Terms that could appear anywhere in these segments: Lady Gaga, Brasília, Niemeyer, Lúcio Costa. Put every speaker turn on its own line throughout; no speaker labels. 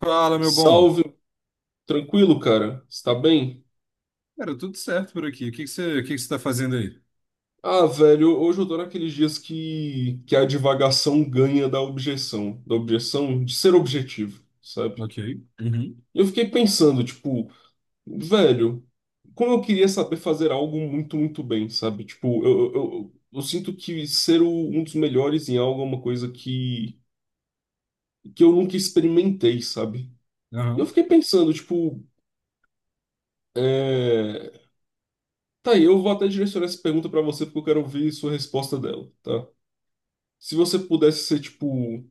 Fala, meu bom.
Salve, tranquilo, cara? Está bem?
Cara, tudo certo por aqui. O que que você, o que que você tá fazendo aí?
Ah, velho, hoje eu tô naqueles dias que a divagação ganha da objeção de ser objetivo, sabe?
Ok. Uhum.
E eu fiquei pensando, tipo, velho, como eu queria saber fazer algo muito, muito bem, sabe? Tipo, eu sinto que ser um dos melhores em algo é uma coisa que eu nunca experimentei, sabe? E eu
Aham.
fiquei pensando, tipo, é... Tá aí, eu vou até direcionar essa pergunta pra você porque eu quero ouvir sua resposta dela, tá? Se você pudesse ser, tipo,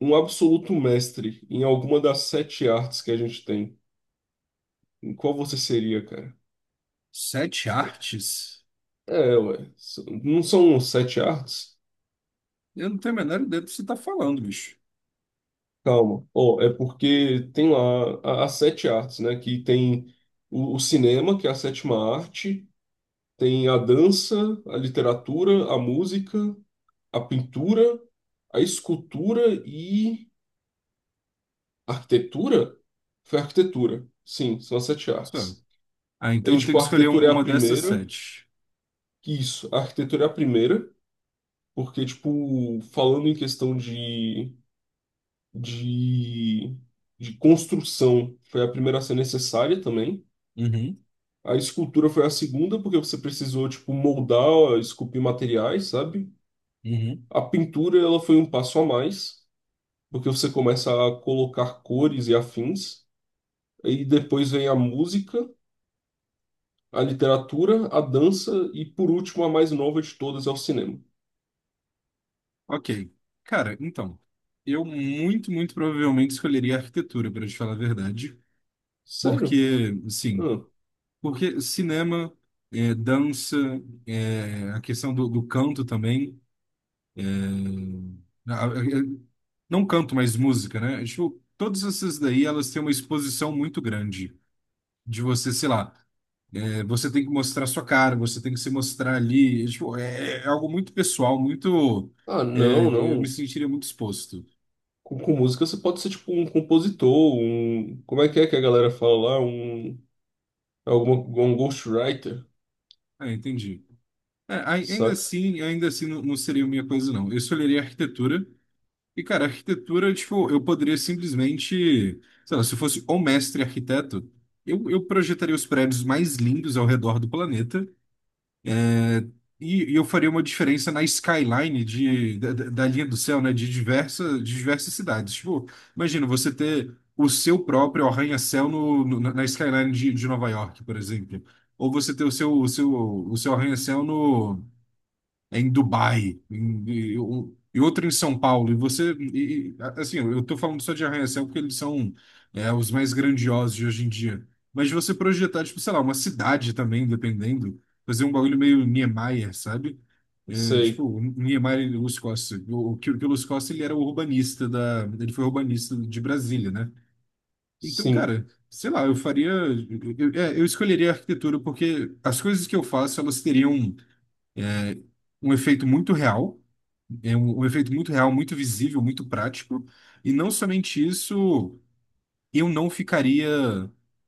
um absoluto mestre em alguma das sete artes que a gente tem, em qual você seria, cara?
Sete artes?
É, ué. Não são sete artes?
Eu não tenho a menor ideia do que você tá falando, bicho.
Calma. Ó, é porque tem lá as sete artes, né? Que tem o cinema, que é a sétima arte, tem a dança, a literatura, a música, a pintura, a escultura e a arquitetura? Foi a arquitetura. Sim, são as sete
Sério.
artes.
Ah,
E,
então eu tenho
tipo,
que
a
escolher
arquitetura é a
uma dessas
primeira.
sete.
Isso, a arquitetura é a primeira, porque, tipo, falando em questão de, de construção, foi a primeira a ser necessária também.
Uhum.
A escultura foi a segunda, porque você precisou, tipo, moldar, esculpir materiais, sabe?
Uhum.
A pintura, ela foi um passo a mais, porque você começa a colocar cores e afins. E depois vem a música, a literatura, a dança e, por último, a mais nova de todas, é o cinema.
Ok. Cara, então, eu muito, muito provavelmente escolheria arquitetura, para te falar a verdade.
Sério?
Porque, sim,
Ah.
porque cinema, é, dança, é, a questão do canto também. Ah, não canto mais música, né? Tipo, todas essas daí, elas têm uma exposição muito grande. De você, sei lá, você tem que mostrar sua cara, você tem que se mostrar ali. Tipo, é algo muito pessoal, muito.
Ah, não,
Eu me
não.
sentiria muito exposto.
Com música você pode ser tipo um compositor, um. Como é que a galera fala lá? Um. é Alguma, Um ghostwriter,
Ah, entendi. É,
saca?
ainda assim não, não seria minha coisa, não. Eu escolheria arquitetura. E, cara, arquitetura, tipo, eu poderia simplesmente, sei lá, se eu fosse o mestre arquiteto, eu projetaria os prédios mais lindos ao redor do planeta. E e eu faria uma diferença na skyline da linha do céu, né? De diversa, de diversas cidades. Tipo, imagina você ter o seu próprio arranha-céu na skyline de Nova York, por exemplo. Ou você ter o seu arranha-céu no, em Dubai, em, e, e outro em São Paulo. E você, assim, eu estou falando só de arranha-céu porque eles são os mais grandiosos de hoje em dia. Mas de você projetar, tipo, sei lá, uma cidade também, dependendo, fazer um bagulho meio Niemeyer, sabe? É, tipo,
Sei.
o Niemeyer e Lúcio Costa. Que o Lúcio Costa, ele era o urbanista da... Ele foi urbanista de Brasília, né? Então,
Sim,
cara, sei lá, eu faria... eu escolheria a arquitetura porque as coisas que eu faço, elas teriam um efeito muito real, é um efeito muito real, muito visível, muito prático. E não somente isso, eu não ficaria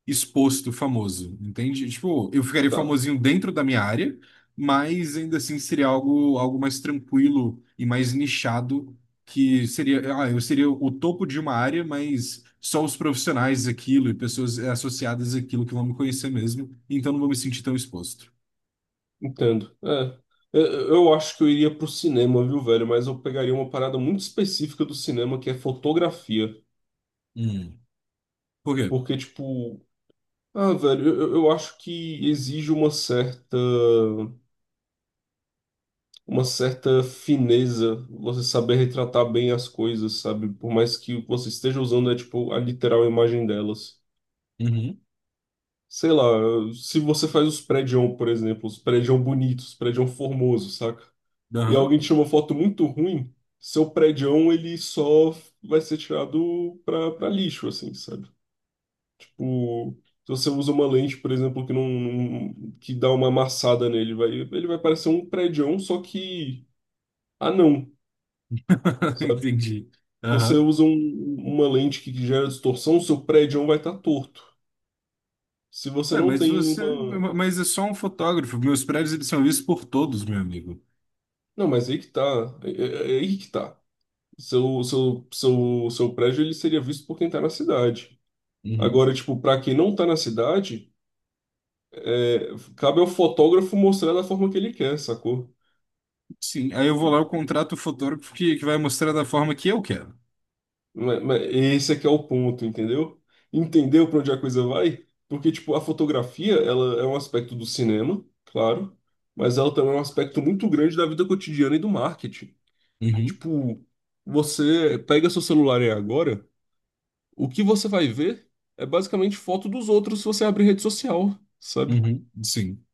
exposto famoso, entende? Tipo, eu ficaria
tá.
famosinho dentro da minha área, mas ainda assim seria algo, algo mais tranquilo e mais nichado, que seria, ah, eu seria o topo de uma área, mas só os profissionais daquilo e pessoas associadas àquilo que vão me conhecer mesmo, então não vou me sentir tão exposto.
Entendo. É. Eu acho que eu iria pro cinema, viu, velho? Mas eu pegaria uma parada muito específica do cinema, que é fotografia.
Hum. Por quê?
Porque, tipo. Ah, velho, eu acho que exige uma certa fineza, você saber retratar bem as coisas, sabe? Por mais que o você esteja usando é tipo a literal imagem delas.
Uhum.
Sei lá, se você faz os prédios, por exemplo, os prédios bonitos, os prédios formosos, saca? E
Aham.
alguém tira uma foto muito ruim, seu prédião ele só vai ser tirado pra lixo, assim, sabe? Tipo, se você usa uma lente, por exemplo, que não, que dá uma amassada nele, vai, ele vai parecer um prédião, só que ah não, sabe?
Entendi.
Você
Aham.
usa uma lente que gera distorção, o seu prédio vai estar torto. Se você
É,
não
mas
tem
você,
uma.
mas é só um fotógrafo. Meus prédios eles são vistos por todos, meu amigo.
Não, mas aí que tá. É, é aí que tá. Seu prédio ele seria visto por quem tá na cidade.
Uhum.
Agora, tipo, pra quem não tá na cidade, é, cabe ao fotógrafo mostrar da forma que ele quer, sacou?
Sim, aí eu vou lá, eu contrato o fotógrafo que vai mostrar da forma que eu quero.
Esse aqui é o ponto, entendeu? Entendeu para onde a coisa vai? Porque, tipo, a fotografia, ela é um aspecto do cinema, claro, mas ela também é um aspecto muito grande da vida cotidiana e do marketing.
Uhum.
Tipo, você pega seu celular aí agora, o que você vai ver é basicamente foto dos outros se você abrir rede social, sabe?
Uhum. Sim,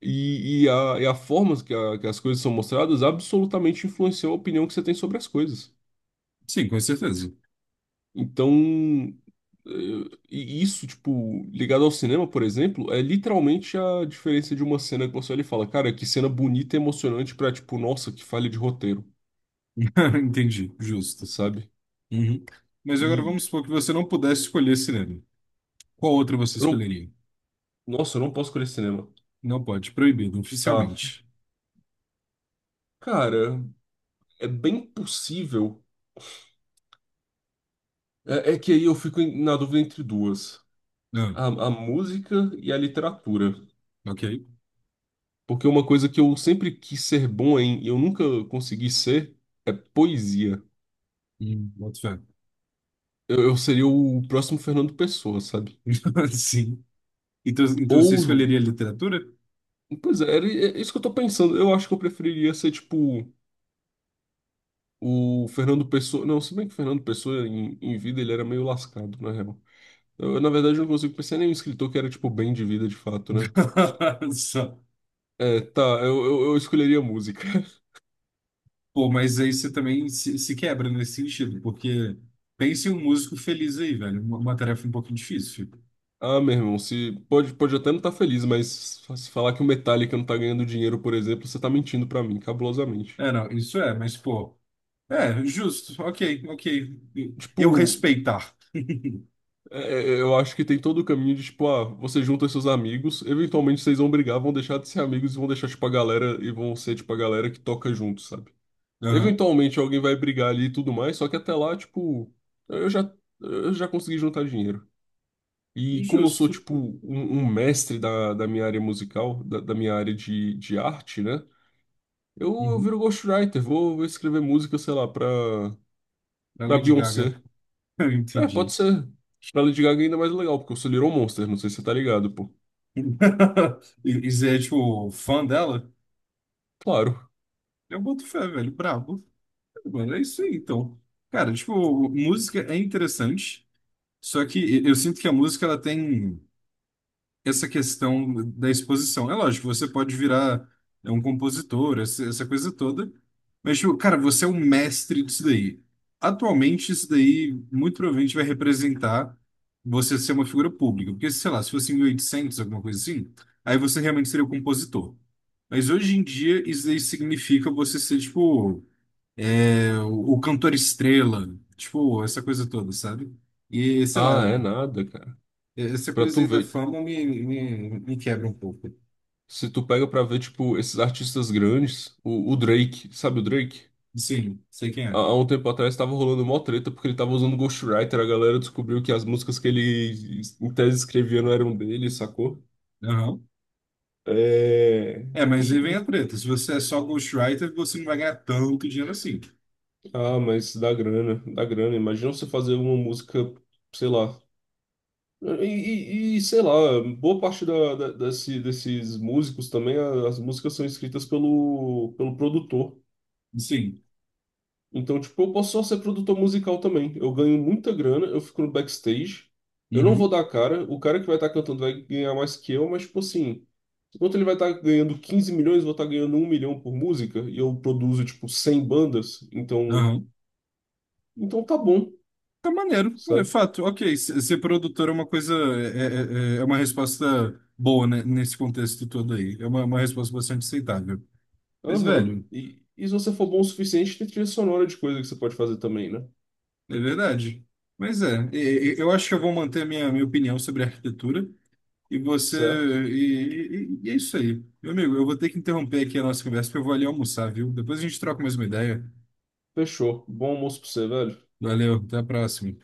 E a forma que as coisas são mostradas absolutamente influenciou a opinião que você tem sobre as coisas.
sim, com certeza.
Então, e isso, tipo, ligado ao cinema, por exemplo, é literalmente a diferença de uma cena que você olha e fala, cara, que cena bonita e emocionante pra, tipo, nossa, que falha de roteiro,
Entendi, justo.
sabe?
Uhum. Mas agora vamos
E
supor que você não pudesse escolher cinema. Qual outra você
eu não,
escolheria?
nossa, eu não posso escolher cinema.
Não pode, proibido,
Tá.
oficialmente.
Cara, é bem possível. É, é que aí eu fico na dúvida entre duas:
Ah,
a música e a literatura.
ok.
Porque uma coisa que eu sempre quis ser bom em e eu nunca consegui ser é poesia.
Hum. Boto fé.
Eu seria o próximo Fernando Pessoa, sabe?
Sim. Então, então você
Ou,
escolheria literatura?
pois é, é isso que eu tô pensando. Eu acho que eu preferiria ser, tipo, o Fernando Pessoa. Não, se bem que o Fernando Pessoa, em vida, ele era meio lascado, na real. Eu, na verdade, eu não consigo pensar em nenhum escritor que era, tipo, bem de vida, de fato, né?
Só.
É, tá, eu escolheria música.
Pô, mas aí você também se quebra nesse sentido, porque pense em um músico feliz aí, velho. Uma tarefa um pouquinho difícil.
Ah, meu irmão, se, pode até não estar feliz, mas se falar que o Metallica não tá ganhando dinheiro, por exemplo, você tá mentindo pra mim, cabulosamente.
É, não, isso é, mas pô, é, justo, ok, ok.
Tipo,
Eu respeitar.
Eu acho que tem todo o caminho de, tipo, ah, você junta seus amigos, eventualmente vocês vão brigar, vão deixar de ser amigos e vão deixar, tipo, a galera, e vão ser, tipo, a galera que toca junto, sabe?
Aham.
Eventualmente alguém vai brigar ali e tudo mais, só que até lá, tipo, eu já, eu já consegui juntar dinheiro. E como eu sou,
Justo.
tipo, um mestre da minha área musical, da minha área de arte, né? Eu
Uhum.
viro ghostwriter, vou escrever música, sei lá, pra,
Da
pra
Lady Gaga.
Beyoncé.
Eu
É,
entendi.
pode ser. Pra Lady Gaga é ainda mais legal, porque eu sou Little Monster, não sei se você tá ligado, pô.
E, e você é, tipo, fã dela?
Claro.
Eu boto fé, velho, brabo. Mano, é isso aí, então. Cara, tipo, música é interessante, só que eu sinto que a música, ela tem. Essa questão da exposição. É lógico, você pode virar, né, um compositor, essa coisa toda, mas, tipo, cara, você é um mestre disso daí. Atualmente, isso daí muito provavelmente vai representar você ser uma figura pública, porque, sei lá, se fosse em 1800 alguma coisa assim, aí você realmente seria o compositor. Mas hoje em dia, isso daí significa você ser, tipo, é, o cantor estrela, tipo, essa coisa toda, sabe? E, sei
Ah,
lá,
é nada, cara.
essa
Pra
coisa
tu
aí da
ver,
fama me quebra um pouco.
se tu pega pra ver, tipo, esses artistas grandes, o Drake, sabe o Drake?
Sim, sei quem
Há,
é.
há um tempo atrás tava rolando mó treta porque ele tava usando Ghostwriter, a galera descobriu que as músicas que ele, em tese, escrevia não eram dele, sacou?
Aham.
É...
É, mas aí
E,
vem a
e-
treta. Se você é só ghostwriter, você não vai ganhar tanto dinheiro assim.
Ah, mas dá grana, dá grana. Imagina você fazer uma música, sei lá. E, e, sei lá, boa parte desses músicos também, as músicas são escritas pelo produtor.
Sim.
Então, tipo, eu posso só ser produtor musical também. Eu ganho muita grana, eu fico no backstage. Eu não vou
Uhum.
dar a cara. O cara que vai estar cantando vai ganhar mais que eu, mas, tipo assim, enquanto ele vai estar ganhando 15 milhões, eu vou estar ganhando 1 milhão por música. E eu produzo, tipo, 100 bandas. Então,
Aham.
então tá bom,
Tá maneiro. É
sabe?
fato. Ok, ser produtor é uma coisa. É uma resposta boa, né, nesse contexto todo aí. É uma resposta bastante aceitável. Mas,
Aham.
velho,
E se você for bom o suficiente, tem trilha sonora de coisa que você pode fazer também, né?
é verdade. Mas é. Eu acho que eu vou manter a minha opinião sobre arquitetura. E você.
Certo?
E é isso aí. Meu amigo, eu vou ter que interromper aqui a nossa conversa, porque eu vou ali almoçar, viu? Depois a gente troca mais uma ideia.
Fechou. Bom almoço pra você, velho.
Valeu, até a próxima.